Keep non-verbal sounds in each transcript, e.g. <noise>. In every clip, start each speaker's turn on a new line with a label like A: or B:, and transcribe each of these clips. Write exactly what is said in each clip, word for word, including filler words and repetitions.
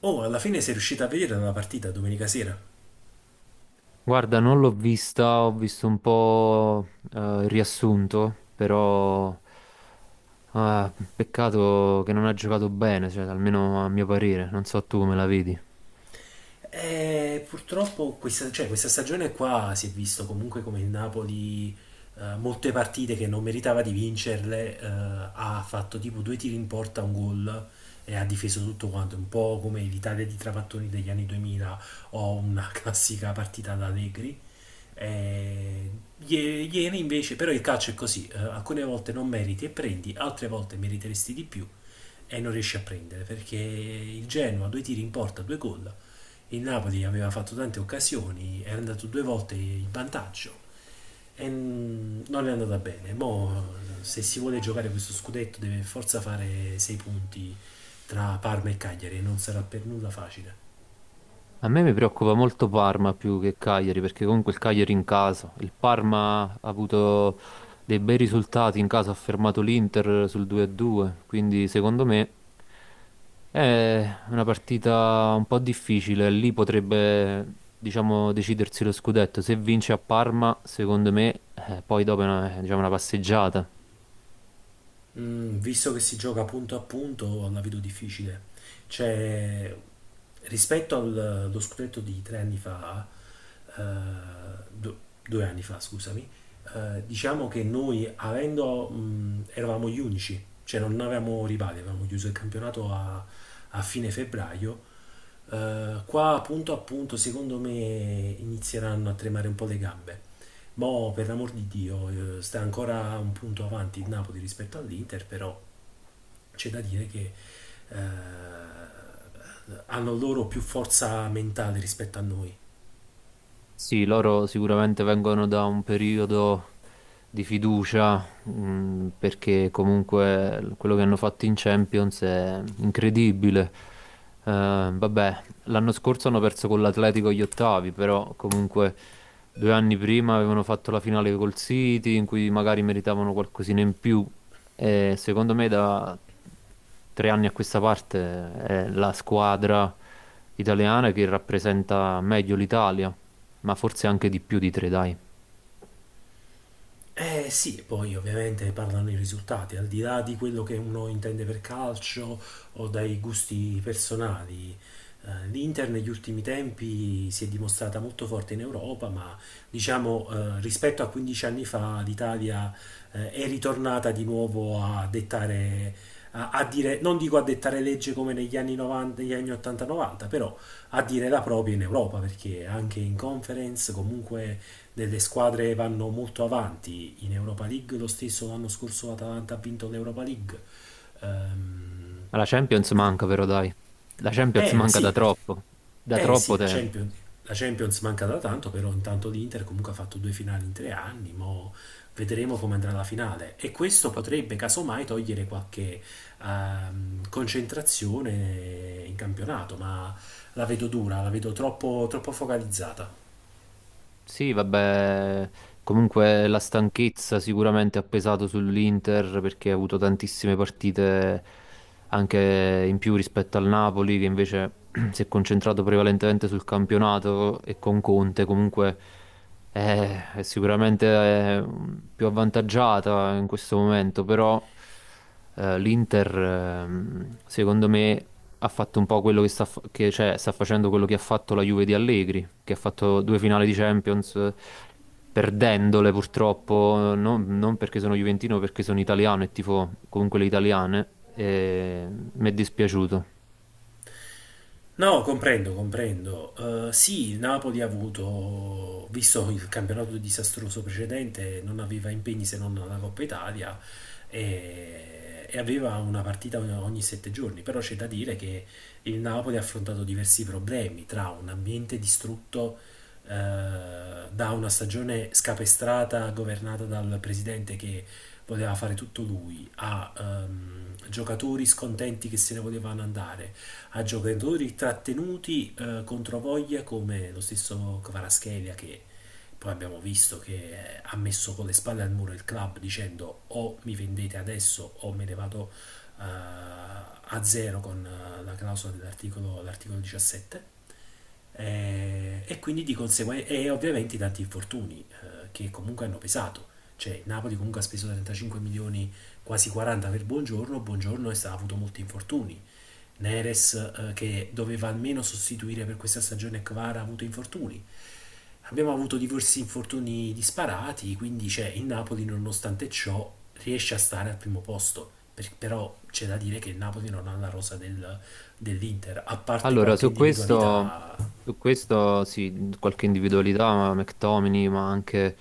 A: Oh, alla fine sei riuscita a vedere la partita domenica sera?
B: Guarda, non l'ho vista, ho visto un po' eh, il riassunto, però ah, peccato che non ha giocato bene, cioè, almeno a mio parere, non so tu come la vedi.
A: E purtroppo questa, cioè, questa stagione qua si è visto comunque come il Napoli, eh, molte partite che non meritava di vincerle. Eh, ha fatto tipo due tiri in porta, un gol, e ha difeso tutto quanto, un po' come l'Italia di Trapattoni degli anni duemila o una <laughs> classica partita da Allegri. Eh, ie- ieri invece, però il calcio è così, eh, alcune volte non meriti e prendi, altre volte meriteresti di più e non riesci a prendere perché il Genoa due tiri in porta, due gol. Il Napoli aveva fatto tante occasioni, era andato due volte in vantaggio e mm, non è andata bene. Mo, se si vuole giocare questo scudetto deve forza fare sei punti tra Parma e Cagliari e non sarà per nulla facile.
B: A me mi preoccupa molto Parma più che Cagliari, perché comunque il Cagliari in casa, il Parma ha avuto dei bei risultati in casa, ha fermato l'Inter sul due due, quindi secondo me è una partita un po' difficile, lì potrebbe, diciamo, decidersi lo scudetto. Se vince a Parma, secondo me, eh, poi dopo è una, è, diciamo, una passeggiata.
A: Mm, visto che si gioca punto a punto, la vedo difficile. Cioè, rispetto al- allo scudetto di tre anni fa, eh, du- due anni fa, scusami, eh, diciamo che noi avendo, mm, eravamo gli unici, cioè non avevamo rivali, avevamo chiuso il campionato a, a fine febbraio. Eh, qua appunto appunto secondo me inizieranno a tremare un po' le gambe. Mo' per l'amor di Dio, eh, sta ancora un punto avanti il Napoli rispetto all'Inter, però c'è da dire che eh, hanno loro più forza mentale rispetto a noi.
B: Sì, loro sicuramente vengono da un periodo di fiducia, mh, perché comunque l- quello che hanno fatto in Champions è incredibile. Eh, vabbè, l'anno scorso hanno perso con l'Atletico gli ottavi, però comunque due anni prima avevano fatto la finale col City, in cui magari meritavano qualcosina in più. E secondo me da tre anni a questa parte è la squadra italiana che rappresenta meglio l'Italia, ma forse anche di più di tre, dai. Ma
A: Eh sì, e poi ovviamente parlano i risultati, al di là di quello che uno intende per calcio o dai gusti personali. Eh, L'Inter negli ultimi tempi si è dimostrata molto forte in Europa, ma diciamo, eh, rispetto a quindici anni fa l'Italia eh, è ritornata di nuovo a dettare, a, a dire, non dico a dettare legge come negli anni novanta, negli anni ottanta novanta, però a dire la propria in Europa, perché anche in conference comunque delle squadre vanno molto avanti in Europa League. Lo stesso l'anno scorso l'Atalanta ha vinto l'Europa League. Ehm,
B: la Champions manca, però, dai. La Champions
A: eh,
B: manca da
A: sì, la,
B: troppo, da
A: eh
B: troppo
A: sì, la
B: tempo.
A: Champions, la Champions manca da tanto, però intanto l'Inter comunque ha fatto due finali in tre anni. Mo vedremo come andrà la finale e questo potrebbe casomai togliere qualche ehm, concentrazione in campionato, ma la vedo dura, la vedo troppo, troppo focalizzata.
B: Sì, vabbè, comunque la stanchezza sicuramente ha pesato sull'Inter perché ha avuto tantissime partite anche in più rispetto al Napoli che invece <clears throat> si è concentrato prevalentemente sul campionato e con Conte comunque è, è sicuramente eh, più avvantaggiata in questo momento, però eh, l'Inter ehm, secondo me ha fatto un po' quello che sta, fa- che, cioè, sta facendo quello che ha fatto la Juve di Allegri, che ha fatto due finali di Champions, eh, perdendole purtroppo, non, non perché sono juventino, perché sono italiano e tifo comunque le italiane, e mi è dispiaciuto.
A: No, comprendo, comprendo. Eh, sì, il Napoli ha avuto, visto il campionato disastroso precedente, non aveva impegni se non la Coppa Italia e, e aveva una partita ogni, ogni sette giorni, però c'è da dire che il Napoli ha affrontato diversi problemi tra un ambiente distrutto eh, da una stagione scapestrata governata dal presidente che voleva fare tutto lui, a ehm, giocatori scontenti che se ne volevano andare, a giocatori trattenuti eh, contro voglia come lo stesso Kvaraschelia, che poi abbiamo visto che eh, ha messo con le spalle al muro il club dicendo o mi vendete adesso o me ne vado eh, a zero con eh, la clausola dell'articolo l'articolo diciassette. Eh, e quindi di conseguenza e ovviamente i tanti infortuni eh, che comunque hanno pesato, cioè il Napoli comunque ha speso trentacinque milioni, quasi quaranta, per Buongiorno. Buongiorno è stato, ha avuto molti infortuni. Neres, eh, che doveva almeno sostituire per questa stagione Kvara, ha avuto infortuni. Abbiamo avuto diversi infortuni disparati, quindi c'è il Napoli, nonostante ciò, riesce a stare al primo posto. Per- però c'è da dire che il Napoli non ha la rosa del- dell'Inter, a parte
B: Allora,
A: qualche
B: su questo,
A: individualità
B: su questo sì, mhmm, qualche individualità, ma McTominay, ma anche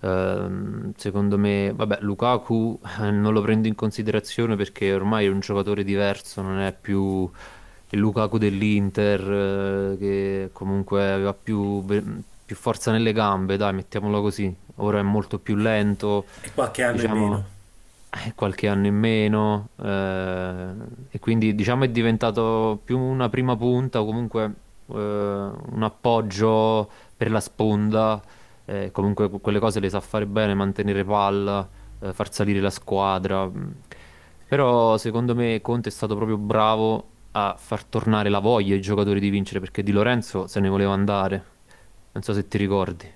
B: ehm, secondo me, vabbè, Lukaku eh, non lo prendo in considerazione perché ormai è un giocatore diverso, non è più il Lukaku dell'Inter eh, che comunque aveva più, ve- più forza nelle gambe, dai, mettiamolo così. Ora è molto più lento,
A: e qualche anno in
B: diciamo,
A: meno.
B: eh, qualche anno in meno, eh, e quindi diciamo è diventato più una prima punta o comunque eh, un appoggio per la sponda, eh, comunque que- quelle cose le sa fare bene, mantenere palla, eh, far salire la squadra. Mh. Però secondo me Conte è stato proprio bravo a far tornare la voglia ai giocatori di vincere perché Di Lorenzo se ne voleva andare. Non so se ti ricordi.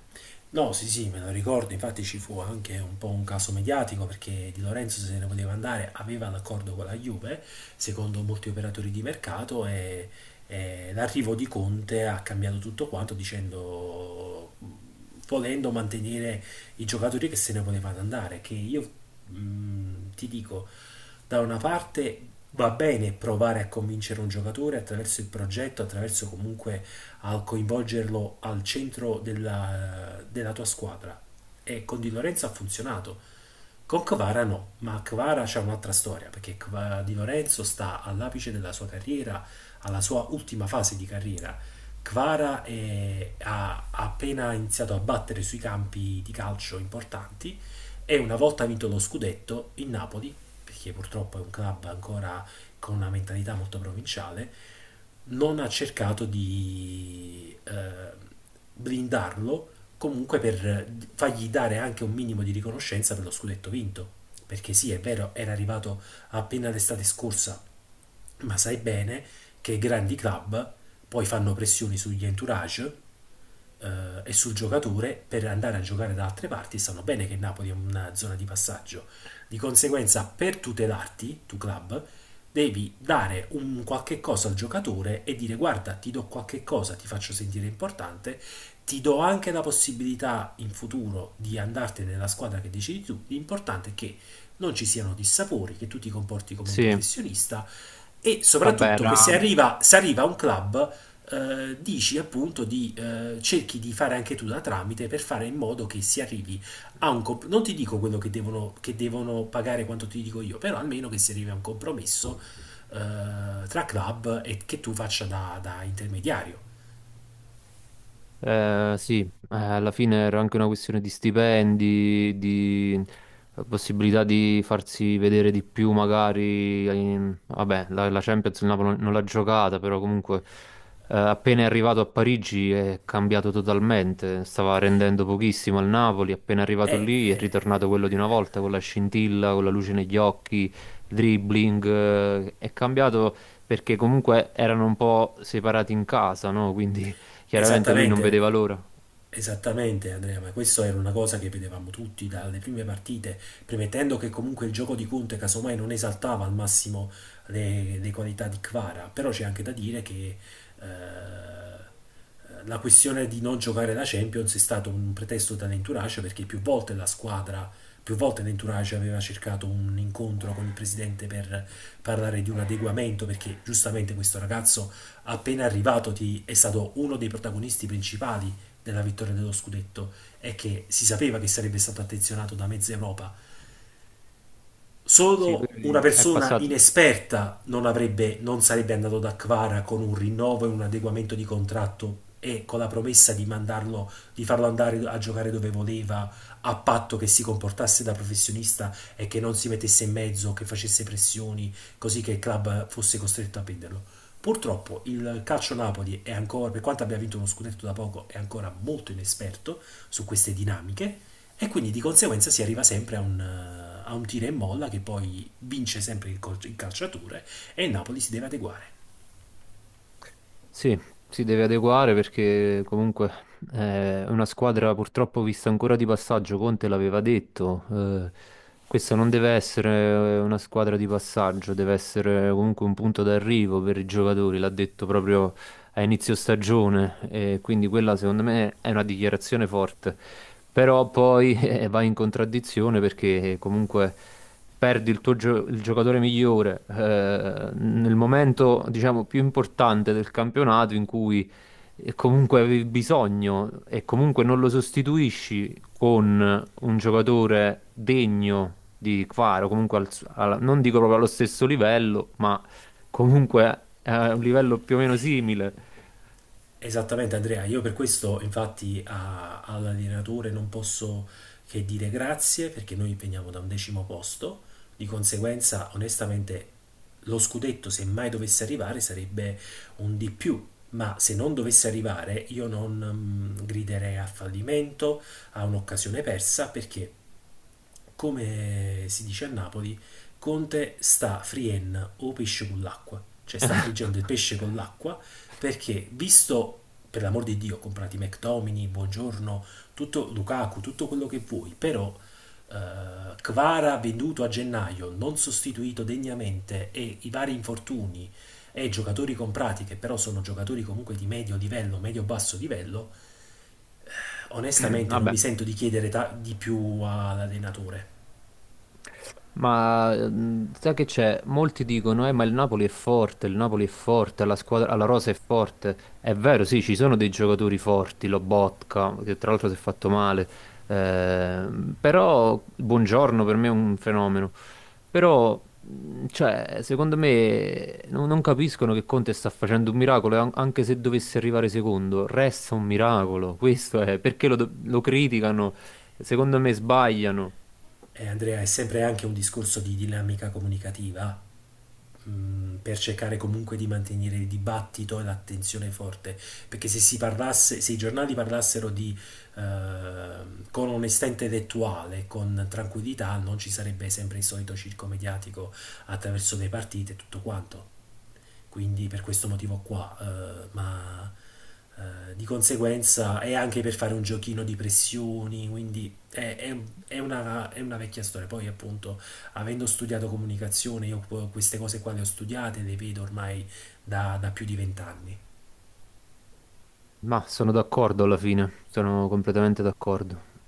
A: No, sì, sì, me lo ricordo, infatti ci fu anche un po' un caso mediatico perché Di Lorenzo se ne voleva andare, aveva l'accordo con la Juve, secondo molti operatori di mercato, e, e l'arrivo di Conte ha cambiato tutto quanto, dicendo, volendo mantenere i giocatori che se ne volevano andare, che io, mh, ti dico, da una parte va bene provare a convincere un giocatore attraverso il progetto, attraverso comunque a coinvolgerlo al centro della, della tua squadra. E con Di Lorenzo ha funzionato. Con Kvara no, ma Kvara c'è un'altra storia, perché Kva- Di Lorenzo sta all'apice della sua carriera, alla sua ultima fase di carriera. Kvara è- ha ha appena iniziato a battere sui campi di calcio importanti e, una volta vinto lo scudetto, il Napoli, perché purtroppo è un club ancora con una mentalità molto provinciale, non ha cercato di eh, blindarlo comunque per fargli dare anche un minimo di riconoscenza per lo scudetto vinto. Perché sì, è vero, era arrivato appena l'estate scorsa, ma sai bene che grandi club poi fanno pressioni sugli entourage eh, e sul giocatore per andare a giocare da altre parti, sanno bene che Napoli è una zona di passaggio. Di conseguenza, per tutelarti, tu club, devi dare un qualche cosa al giocatore e dire guarda, ti do qualche cosa, ti faccio sentire importante, ti do anche la possibilità in futuro di andartene nella squadra che decidi tu. L'importante è che non ci siano dissapori, che tu ti comporti come un
B: Sì,
A: professionista e
B: vabbè,
A: soprattutto che
B: era.
A: se arriva, se arriva a un club, eh, dici appunto di, eh, cerchi di fare anche tu da tramite per fare in modo che si arrivi a un comp- non ti dico quello che devono, che devono pagare quanto ti dico io, però almeno che si arrivi a un compromesso eh, tra club e che tu faccia da, da intermediario.
B: Eh, sì, eh, alla fine era anche una questione di stipendi, di eh, possibilità di farsi vedere di più, magari. in- Vabbè, la, la Champions il Napoli non non l'ha giocata, però comunque eh, appena è arrivato a Parigi è cambiato totalmente. Stava rendendo pochissimo al Napoli, appena è arrivato
A: Eh,
B: lì è
A: eh,
B: ritornato quello di una volta, con la scintilla, con la luce negli occhi, il dribbling. eh, È cambiato perché comunque erano un po' separati in casa, no? Quindi chiaramente lui non vedeva
A: esattamente,
B: l'ora.
A: Esattamente Andrea, ma questo era una cosa che vedevamo tutti dalle prime partite, premettendo che comunque il gioco di Conte casomai non esaltava al massimo le, le qualità di Kvara, però c'è anche da dire che eh, la questione di non giocare la Champions è stato un pretesto dall'entourage, perché più volte la squadra, più volte l'entourage aveva cercato un incontro con il presidente per parlare di un adeguamento, perché giustamente questo ragazzo appena arrivato ti- è stato uno dei protagonisti principali della vittoria dello scudetto, è che si sapeva che sarebbe stato attenzionato da mezza Europa.
B: Sì,
A: Solo una
B: lui è
A: persona
B: passato.
A: inesperta non, avrebbe, non sarebbe andato da Kvara con un rinnovo e un adeguamento di contratto e con la promessa di, mandarlo, di farlo andare a giocare dove voleva, a patto che si comportasse da professionista e che non si mettesse in mezzo, che facesse pressioni, così che il club fosse costretto a venderlo. Purtroppo il calcio Napoli è ancora, per quanto abbia vinto uno scudetto da poco, è ancora molto inesperto su queste dinamiche e quindi di conseguenza si arriva sempre a un, eh, a un tira e molla, che poi vince sempre il, col- il calciatore e il Napoli si deve adeguare.
B: Sì, si deve adeguare perché comunque è una squadra purtroppo vista ancora di passaggio, Conte l'aveva detto. Eh, questa non deve essere una squadra di passaggio, deve essere comunque un punto d'arrivo per i giocatori, l'ha detto proprio a inizio stagione e quindi quella secondo me è una dichiarazione forte. Però poi <laughs> eh, va in contraddizione perché comunque perdi il tuo gio- il giocatore migliore eh, nel momento, diciamo, più importante del campionato in cui eh, comunque avevi bisogno e comunque non lo sostituisci con un giocatore degno di Kvara, comunque al su- alla- non dico proprio allo stesso livello, ma comunque a un livello più o meno simile.
A: Esattamente Andrea, io per questo infatti a- all'allenatore non posso che dire grazie, perché noi veniamo da un decimo posto. Di conseguenza, onestamente, lo scudetto, se mai dovesse arrivare, sarebbe un di più, ma se non dovesse arrivare io non mm, griderei a fallimento, a un'occasione persa, perché, come si dice a Napoli, Conte sta frien o pesce con l'acqua, cioè sta friggendo il
B: <laughs>
A: pesce con l'acqua, perché visto, per l'amor di Dio, comprati McTomini, Buongiorno, tutto Lukaku, tutto quello che vuoi, però eh, Kvara venduto a gennaio, non sostituito degnamente, e i vari infortuni, e giocatori comprati che però sono giocatori comunque di medio livello, medio basso livello. Onestamente non
B: Vabbè.
A: mi sento di chiedere ta- di più all'allenatore.
B: Ma mm, sai che c'è? Molti dicono, eh, ma il Napoli è forte, il Napoli è forte, la squadra, la rosa è forte. È vero, sì, ci sono dei giocatori forti, Lobotka, che tra l'altro si è fatto male, ehm, però Buongiorno per me è un fenomeno. Però, mm, cioè, secondo me non, non capiscono che Conte sta facendo un miracolo, e an- anche se dovesse arrivare secondo, resta un miracolo. Questo è, perché lo do- lo criticano? Secondo me sbagliano.
A: Eh, Andrea, è sempre anche un discorso di dinamica comunicativa, mm, per cercare comunque di mantenere il dibattito e l'attenzione forte, perché se si parlasse, se i giornali parlassero di, eh, con onestà intellettuale, con tranquillità, non ci sarebbe sempre il solito circo mediatico attraverso le partite e tutto quanto, quindi per questo motivo qua, eh, ma eh, di conseguenza è anche per fare un giochino di pressioni, quindi è, è- è una, è una vecchia storia. Poi appunto, avendo studiato comunicazione, io qu- queste cose qua le ho studiate, le vedo ormai da, da più di vent'anni.
B: Ma sono d'accordo alla fine, sono completamente d'accordo.